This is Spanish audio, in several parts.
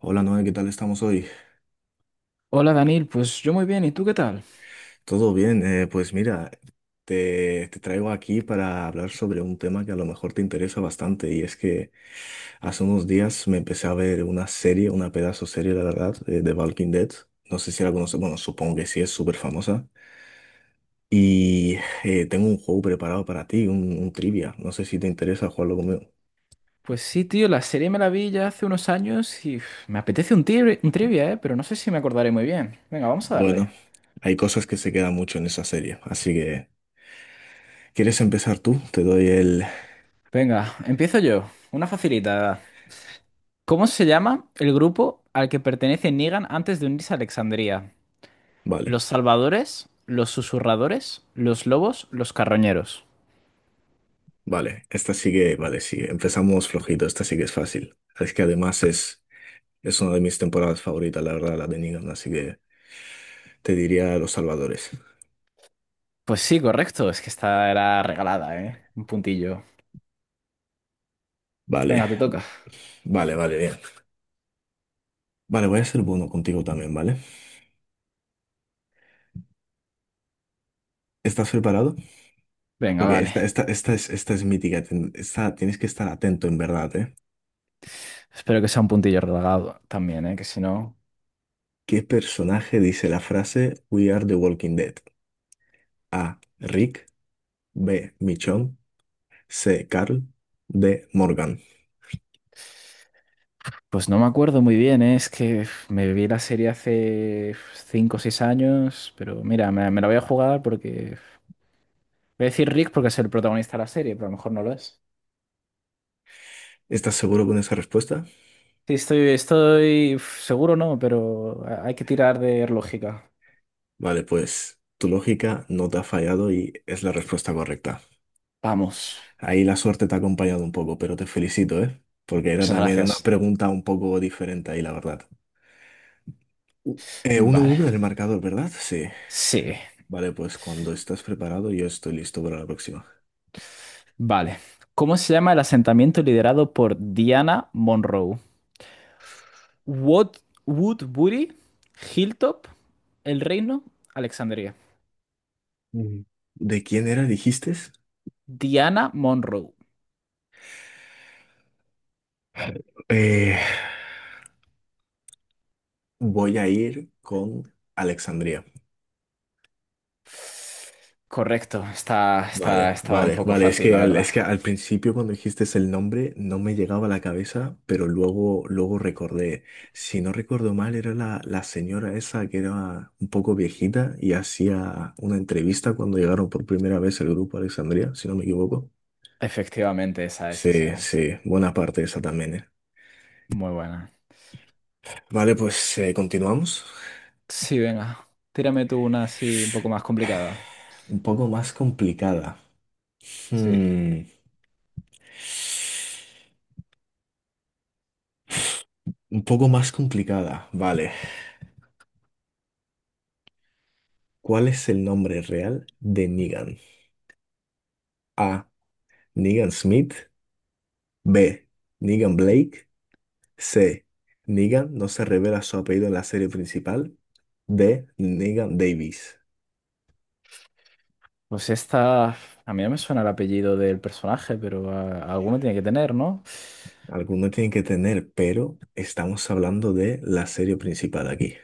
Hola Noé, ¿qué tal estamos hoy? Hola Daniel, pues yo muy bien, ¿y tú qué tal? ¿Todo bien? Pues mira, te traigo aquí para hablar sobre un tema que a lo mejor te interesa bastante y es que hace unos días me empecé a ver una serie, una pedazo serie, la verdad, de Walking Dead. No sé si la conoces, bueno, supongo que sí, es súper famosa. Y tengo un juego preparado para ti, un trivia. No sé si te interesa jugarlo conmigo. Pues sí, tío, la serie me la vi ya hace unos años y uf, me apetece un trivia, ¿eh? Pero no sé si me acordaré muy bien. Venga, vamos a darle. Bueno, hay cosas que se quedan mucho en esa serie, así que ¿quieres empezar tú? Te doy el... Venga, empiezo yo. Una facilita. ¿Cómo se llama el grupo al que pertenece Negan antes de unirse a Alexandría? Vale. ¿Los Salvadores? ¿Los Susurradores? ¿Los Lobos? ¿Los Carroñeros? Vale, esta sigue vale, sí, empezamos flojito, esta sí que es fácil. Es que además es una de mis temporadas favoritas, la verdad, la de Negan, así que te diría Los Salvadores. Pues sí, correcto, es que esta era regalada, ¿eh? Un puntillo. Vale, Venga, te toca. vale, vale, bien. Vale, voy a ser bueno contigo también, ¿vale? ¿Estás preparado? Venga, Porque vale. esta es, esta es mítica, tienes que estar atento en verdad, ¿eh? Espero que sea un puntillo regalado también, ¿eh? Que si no... ¿Qué personaje dice la frase We are the Walking Dead? A. Rick, B. Michonne, C. Carl, D. Morgan. Pues no me acuerdo muy bien, ¿eh? Es que uf, me vi la serie hace 5 o 6 años, pero mira, me la voy a jugar porque, uf, voy a decir Rick porque es el protagonista de la serie, pero a lo mejor no lo es. ¿Estás seguro con esa respuesta? Sí, estoy uf, seguro no, pero hay que tirar de lógica. Vale, pues tu lógica no te ha fallado y es la respuesta correcta. Vamos. Ahí la suerte te ha acompañado un poco, pero te felicito, ¿eh? Porque era Muchas también una gracias. pregunta un poco diferente ahí, la verdad. 1-1 Vale. en el marcador, ¿verdad? Sí. Sí, Vale, pues cuando estás preparado, yo estoy listo para la próxima. vale. ¿Cómo se llama el asentamiento liderado por Diana Monroe? Wood, Woodbury, Hilltop, El Reino, Alexandria. Mm. ¿De quién era, dijiste? Diana Monroe. Eh, voy a ir con Alexandria. Correcto, está, está, Vale, estaba un vale, poco vale. Fácil, la verdad. Es que al principio cuando dijiste el nombre no me llegaba a la cabeza, pero luego recordé. Si no recuerdo mal, era la señora esa que era un poco viejita y hacía una entrevista cuando llegaron por primera vez el grupo a Alexandria, si no me equivoco. Efectivamente, esa es, esa Sí, es. sí, buena parte de esa también, ¿eh? Muy buena. Vale, pues continuamos. Sí, venga, tírame tú una así un poco más complicada. Un poco más complicada. Sí. Hmm, Un poco más complicada, vale. ¿Cuál es el nombre real de Negan? A. Negan Smith. B. Negan Blake. C. Negan no se revela su apellido en la serie principal. D. Negan Davis. Pues esta, a mí no me suena el apellido del personaje, pero ah, alguno tiene que tener, ¿no? Alguno tiene que tener, pero estamos hablando de la serie principal aquí.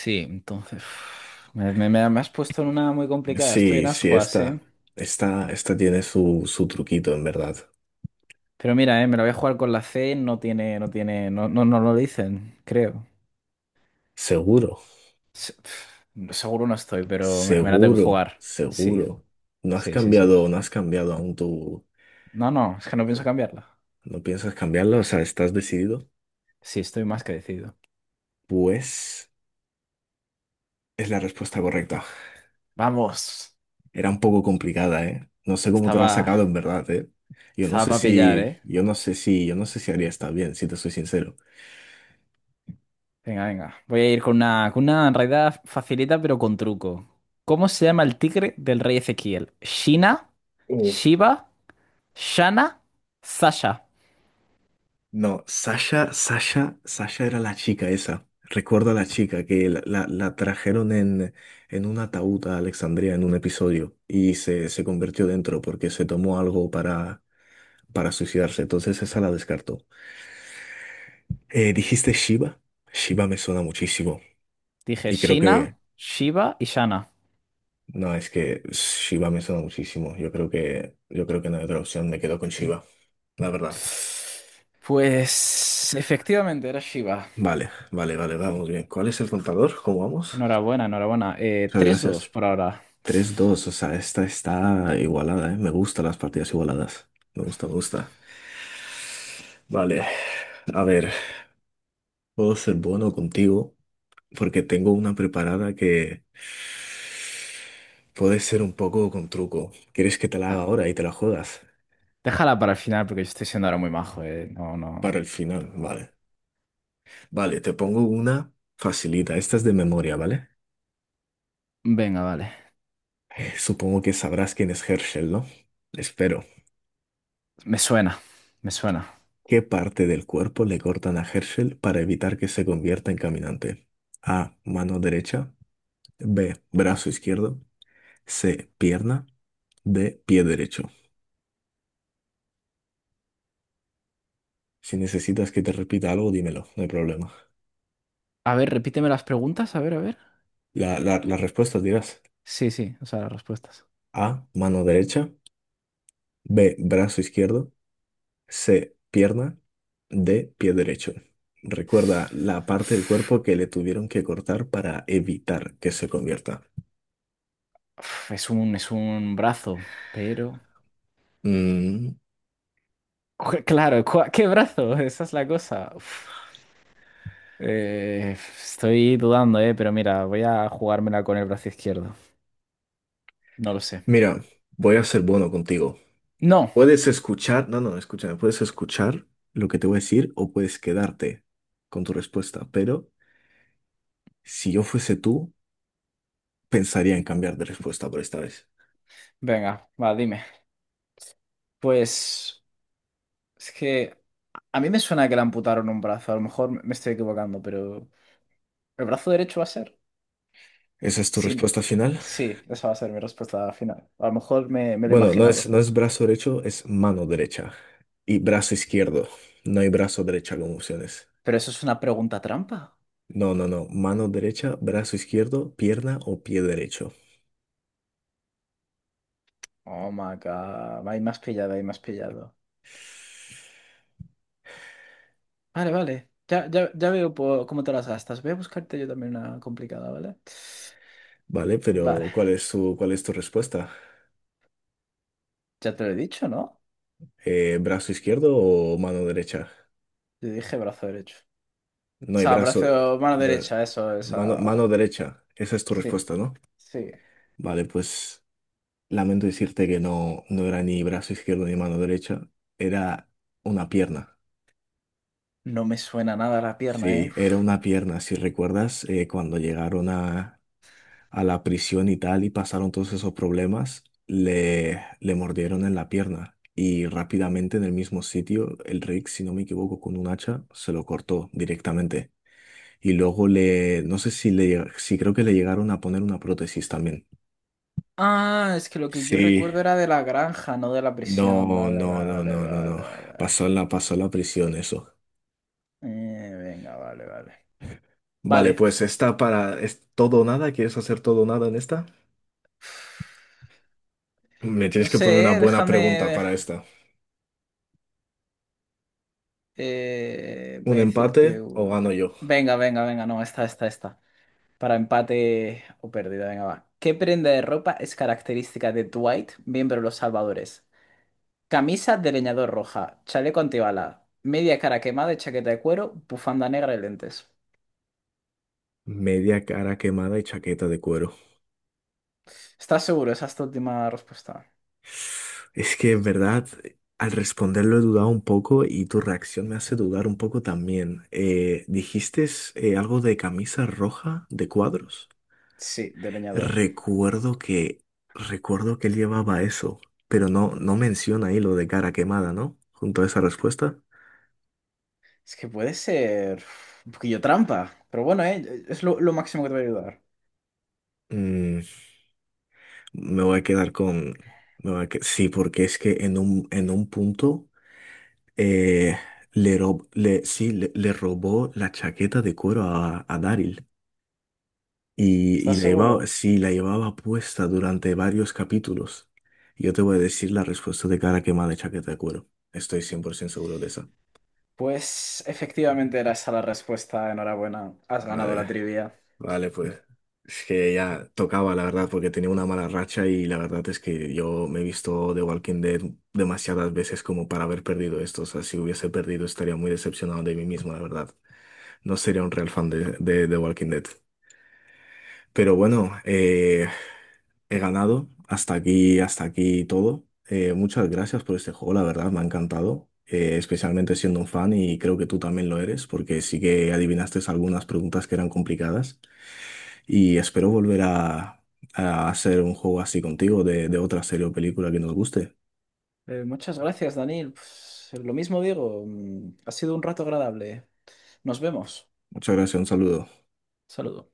Sí, entonces. Me has puesto en una muy complicada. Estoy Sí, en sí, ascuas, esta, ¿eh? esta, esta tiene su truquito, en verdad. Pero mira, me la voy a jugar con la C, no tiene, no tiene, no, no, no lo dicen, creo. Seguro, Se- pf, Seguro no estoy, pero me la tengo que seguro, jugar. Sí, seguro. No has sí, sí, sí. cambiado, no has cambiado aún tú. No, no, es que no pienso cambiarla. ¿No piensas cambiarlo? O sea, ¿estás decidido? Sí, estoy más que decidido. Pues es la respuesta correcta. Vamos. Era un poco complicada, ¿eh? No sé cómo te la has Estaba, sacado en verdad, ¿eh? Yo no estaba sé para pillar, si, ¿eh? yo no sé si, yo no sé si haría estar bien, si te soy sincero. Venga, venga. Voy a ir con una en realidad facilita, pero con truco. ¿Cómo se llama el tigre del rey Ezequiel? ¿Shina? Uf, ¿Shiva? ¿Shana? ¿Sasha? no, Sasha era la chica esa. Recuerdo a la chica que la trajeron en, un ataúd a Alexandria en un episodio y se convirtió dentro porque se tomó algo para suicidarse. Entonces esa la descartó. ¿Dijiste Shiva? Shiva me suena muchísimo. Dije Y creo Shina, que, Shiva y Shana. no, es que Shiva me suena muchísimo. Yo creo que no hay otra opción. Me quedo con Shiva, la verdad. Pues efectivamente era Shiva. Vale, vale, vale, vamos bien. ¿Cuál es el contador? ¿Cómo vamos? Enhorabuena, enhorabuena. Muchas 3-2 gracias. por ahora. 3-2, o sea, esta está igualada, ¿eh? Me gustan las partidas igualadas. Me gusta, me gusta. Vale, a ver, puedo ser bueno contigo porque tengo una preparada que puede ser un poco con truco. ¿Quieres que te la haga Ah, ahora y te la juegas? déjala para el final porque yo estoy siendo ahora muy majo, eh. No, Para no. el final, vale. Vale, te pongo una facilita. Esta es de memoria, ¿vale? Venga, vale. Supongo que sabrás quién es Herschel, ¿no? Espero. Me suena, me suena. ¿Qué parte del cuerpo le cortan a Herschel para evitar que se convierta en caminante? A. Mano derecha. B. Brazo izquierdo. C. Pierna. D. Pie derecho. Si necesitas que te repita algo, dímelo, no hay problema. A ver, repíteme las preguntas, a ver, a ver. Las respuestas dirás Sí, sí, o sea, las respuestas. A, mano derecha, B, brazo izquierdo, C, pierna, D, pie derecho. Recuerda la parte del cuerpo que le tuvieron que cortar para evitar que se convierta. Es un brazo, pero... Mm, Claro, ¿qué brazo? Esa es la cosa. Uf. Eh, estoy dudando, pero mira, voy a jugármela con el brazo izquierdo. No lo sé. mira, voy a ser bueno contigo. No. Puedes escuchar, no, no, escúchame, puedes escuchar lo que te voy a decir o puedes quedarte con tu respuesta, pero si yo fuese tú, pensaría en cambiar de respuesta por esta vez. Venga, va, dime. Pues... Es que a mí me suena que le amputaron un brazo. A lo mejor me estoy equivocando, pero ¿el brazo derecho va a ser? ¿Esa es tu Sí, respuesta final? sí, esa va a ser mi respuesta final. A lo mejor me lo he Bueno, no es, imaginado. no es brazo derecho, es mano derecha y brazo izquierdo. No hay brazo derecha como opciones. Pero eso es una pregunta trampa. No, no, no. Mano derecha, brazo izquierdo, pierna o pie derecho. Oh my God. Ahí más pillado, ahí más pillado. Vale, vale. Ya, ya, ya veo cómo te las gastas. Voy a buscarte yo también una complicada, ¿vale? Vale, Vale. pero ¿cuál es tu respuesta? Ya te lo he dicho, ¿no? ¿Brazo izquierdo o mano derecha? Yo dije brazo derecho. O No hay sea, brazo, brazo, mano bra- derecha, eso, mano, esa. mano derecha. Esa es tu Sí, respuesta, ¿no? sí. Vale, pues lamento decirte que no, no era ni brazo izquierdo ni mano derecha, era una pierna. No me suena nada la pierna, ¿eh? Sí, era Uf. una pierna. Si recuerdas, cuando llegaron a, la prisión y tal y pasaron todos esos problemas, le mordieron en la pierna y rápidamente en el mismo sitio, el Rick, si no me equivoco, con un hacha se lo cortó directamente. Y luego le, no sé si le, llega- sí creo que le llegaron a poner una prótesis también. Ah, es que lo que yo Sí, recuerdo era de la granja, no de la no, prisión. no, Vale, no, vale, no, no, vale, no. vale. Pasó en la prisión eso. Venga, vale, vale. Vale, Vale. pues ¿es todo o nada? ¿Quieres hacer todo o nada en esta? Me No tienes que poner una sé, ¿eh? buena Déjame, pregunta de- para esta. Voy ¿Un a decirte empate o uno. gano yo? Venga, venga, venga, no, esta, esta, esta. Para empate o pérdida, venga, va. ¿Qué prenda de ropa es característica de Dwight, miembro de los Salvadores? Camisa de leñador roja, chaleco antibala, media cara quemada y chaqueta de cuero, bufanda negra y lentes. Media cara quemada y chaqueta de cuero. ¿Estás seguro? Esa es tu última respuesta. Es que en verdad, al responderlo he dudado un poco y tu reacción me hace dudar un poco también. ¿Dijiste algo de camisa roja de cuadros? Sí, de leñador. Recuerdo que, recuerdo que él llevaba eso, pero no menciona ahí lo de cara quemada, ¿no? Junto a esa respuesta. Es que puede ser uf, un poquillo trampa, pero bueno, es lo máximo que te voy a ayudar. Mm, Me voy a quedar con. Me voy a que- sí, porque es que en un punto eh, le, rob- le, sí, le robó la chaqueta de cuero a Daryl y ¿Estás la llevaba, seguro? sí, la llevaba puesta durante varios capítulos. Yo te voy a decir la respuesta de cara quemada de chaqueta de cuero. Estoy 100% seguro de esa. Pues efectivamente era esa la respuesta. Enhorabuena, has ganado la Vale. trivia. Vale, pues es que ya tocaba, la verdad, porque tenía una mala racha y la verdad es que yo me he visto The Walking Dead demasiadas veces como para haber perdido esto. O sea, si hubiese perdido estaría muy decepcionado de mí mismo, la verdad. No sería un real fan de Walking Dead. Pero bueno, he ganado. Hasta aquí todo. Muchas gracias por este juego, la verdad, me ha encantado. Especialmente siendo un fan y creo que tú también lo eres, porque sí que adivinaste algunas preguntas que eran complicadas. Y espero volver a, hacer un juego así contigo de otra serie o película que nos guste. Muchas gracias, Daniel. Pues, lo mismo digo, ha sido un rato agradable. Nos vemos. Muchas gracias, un saludo. Saludo.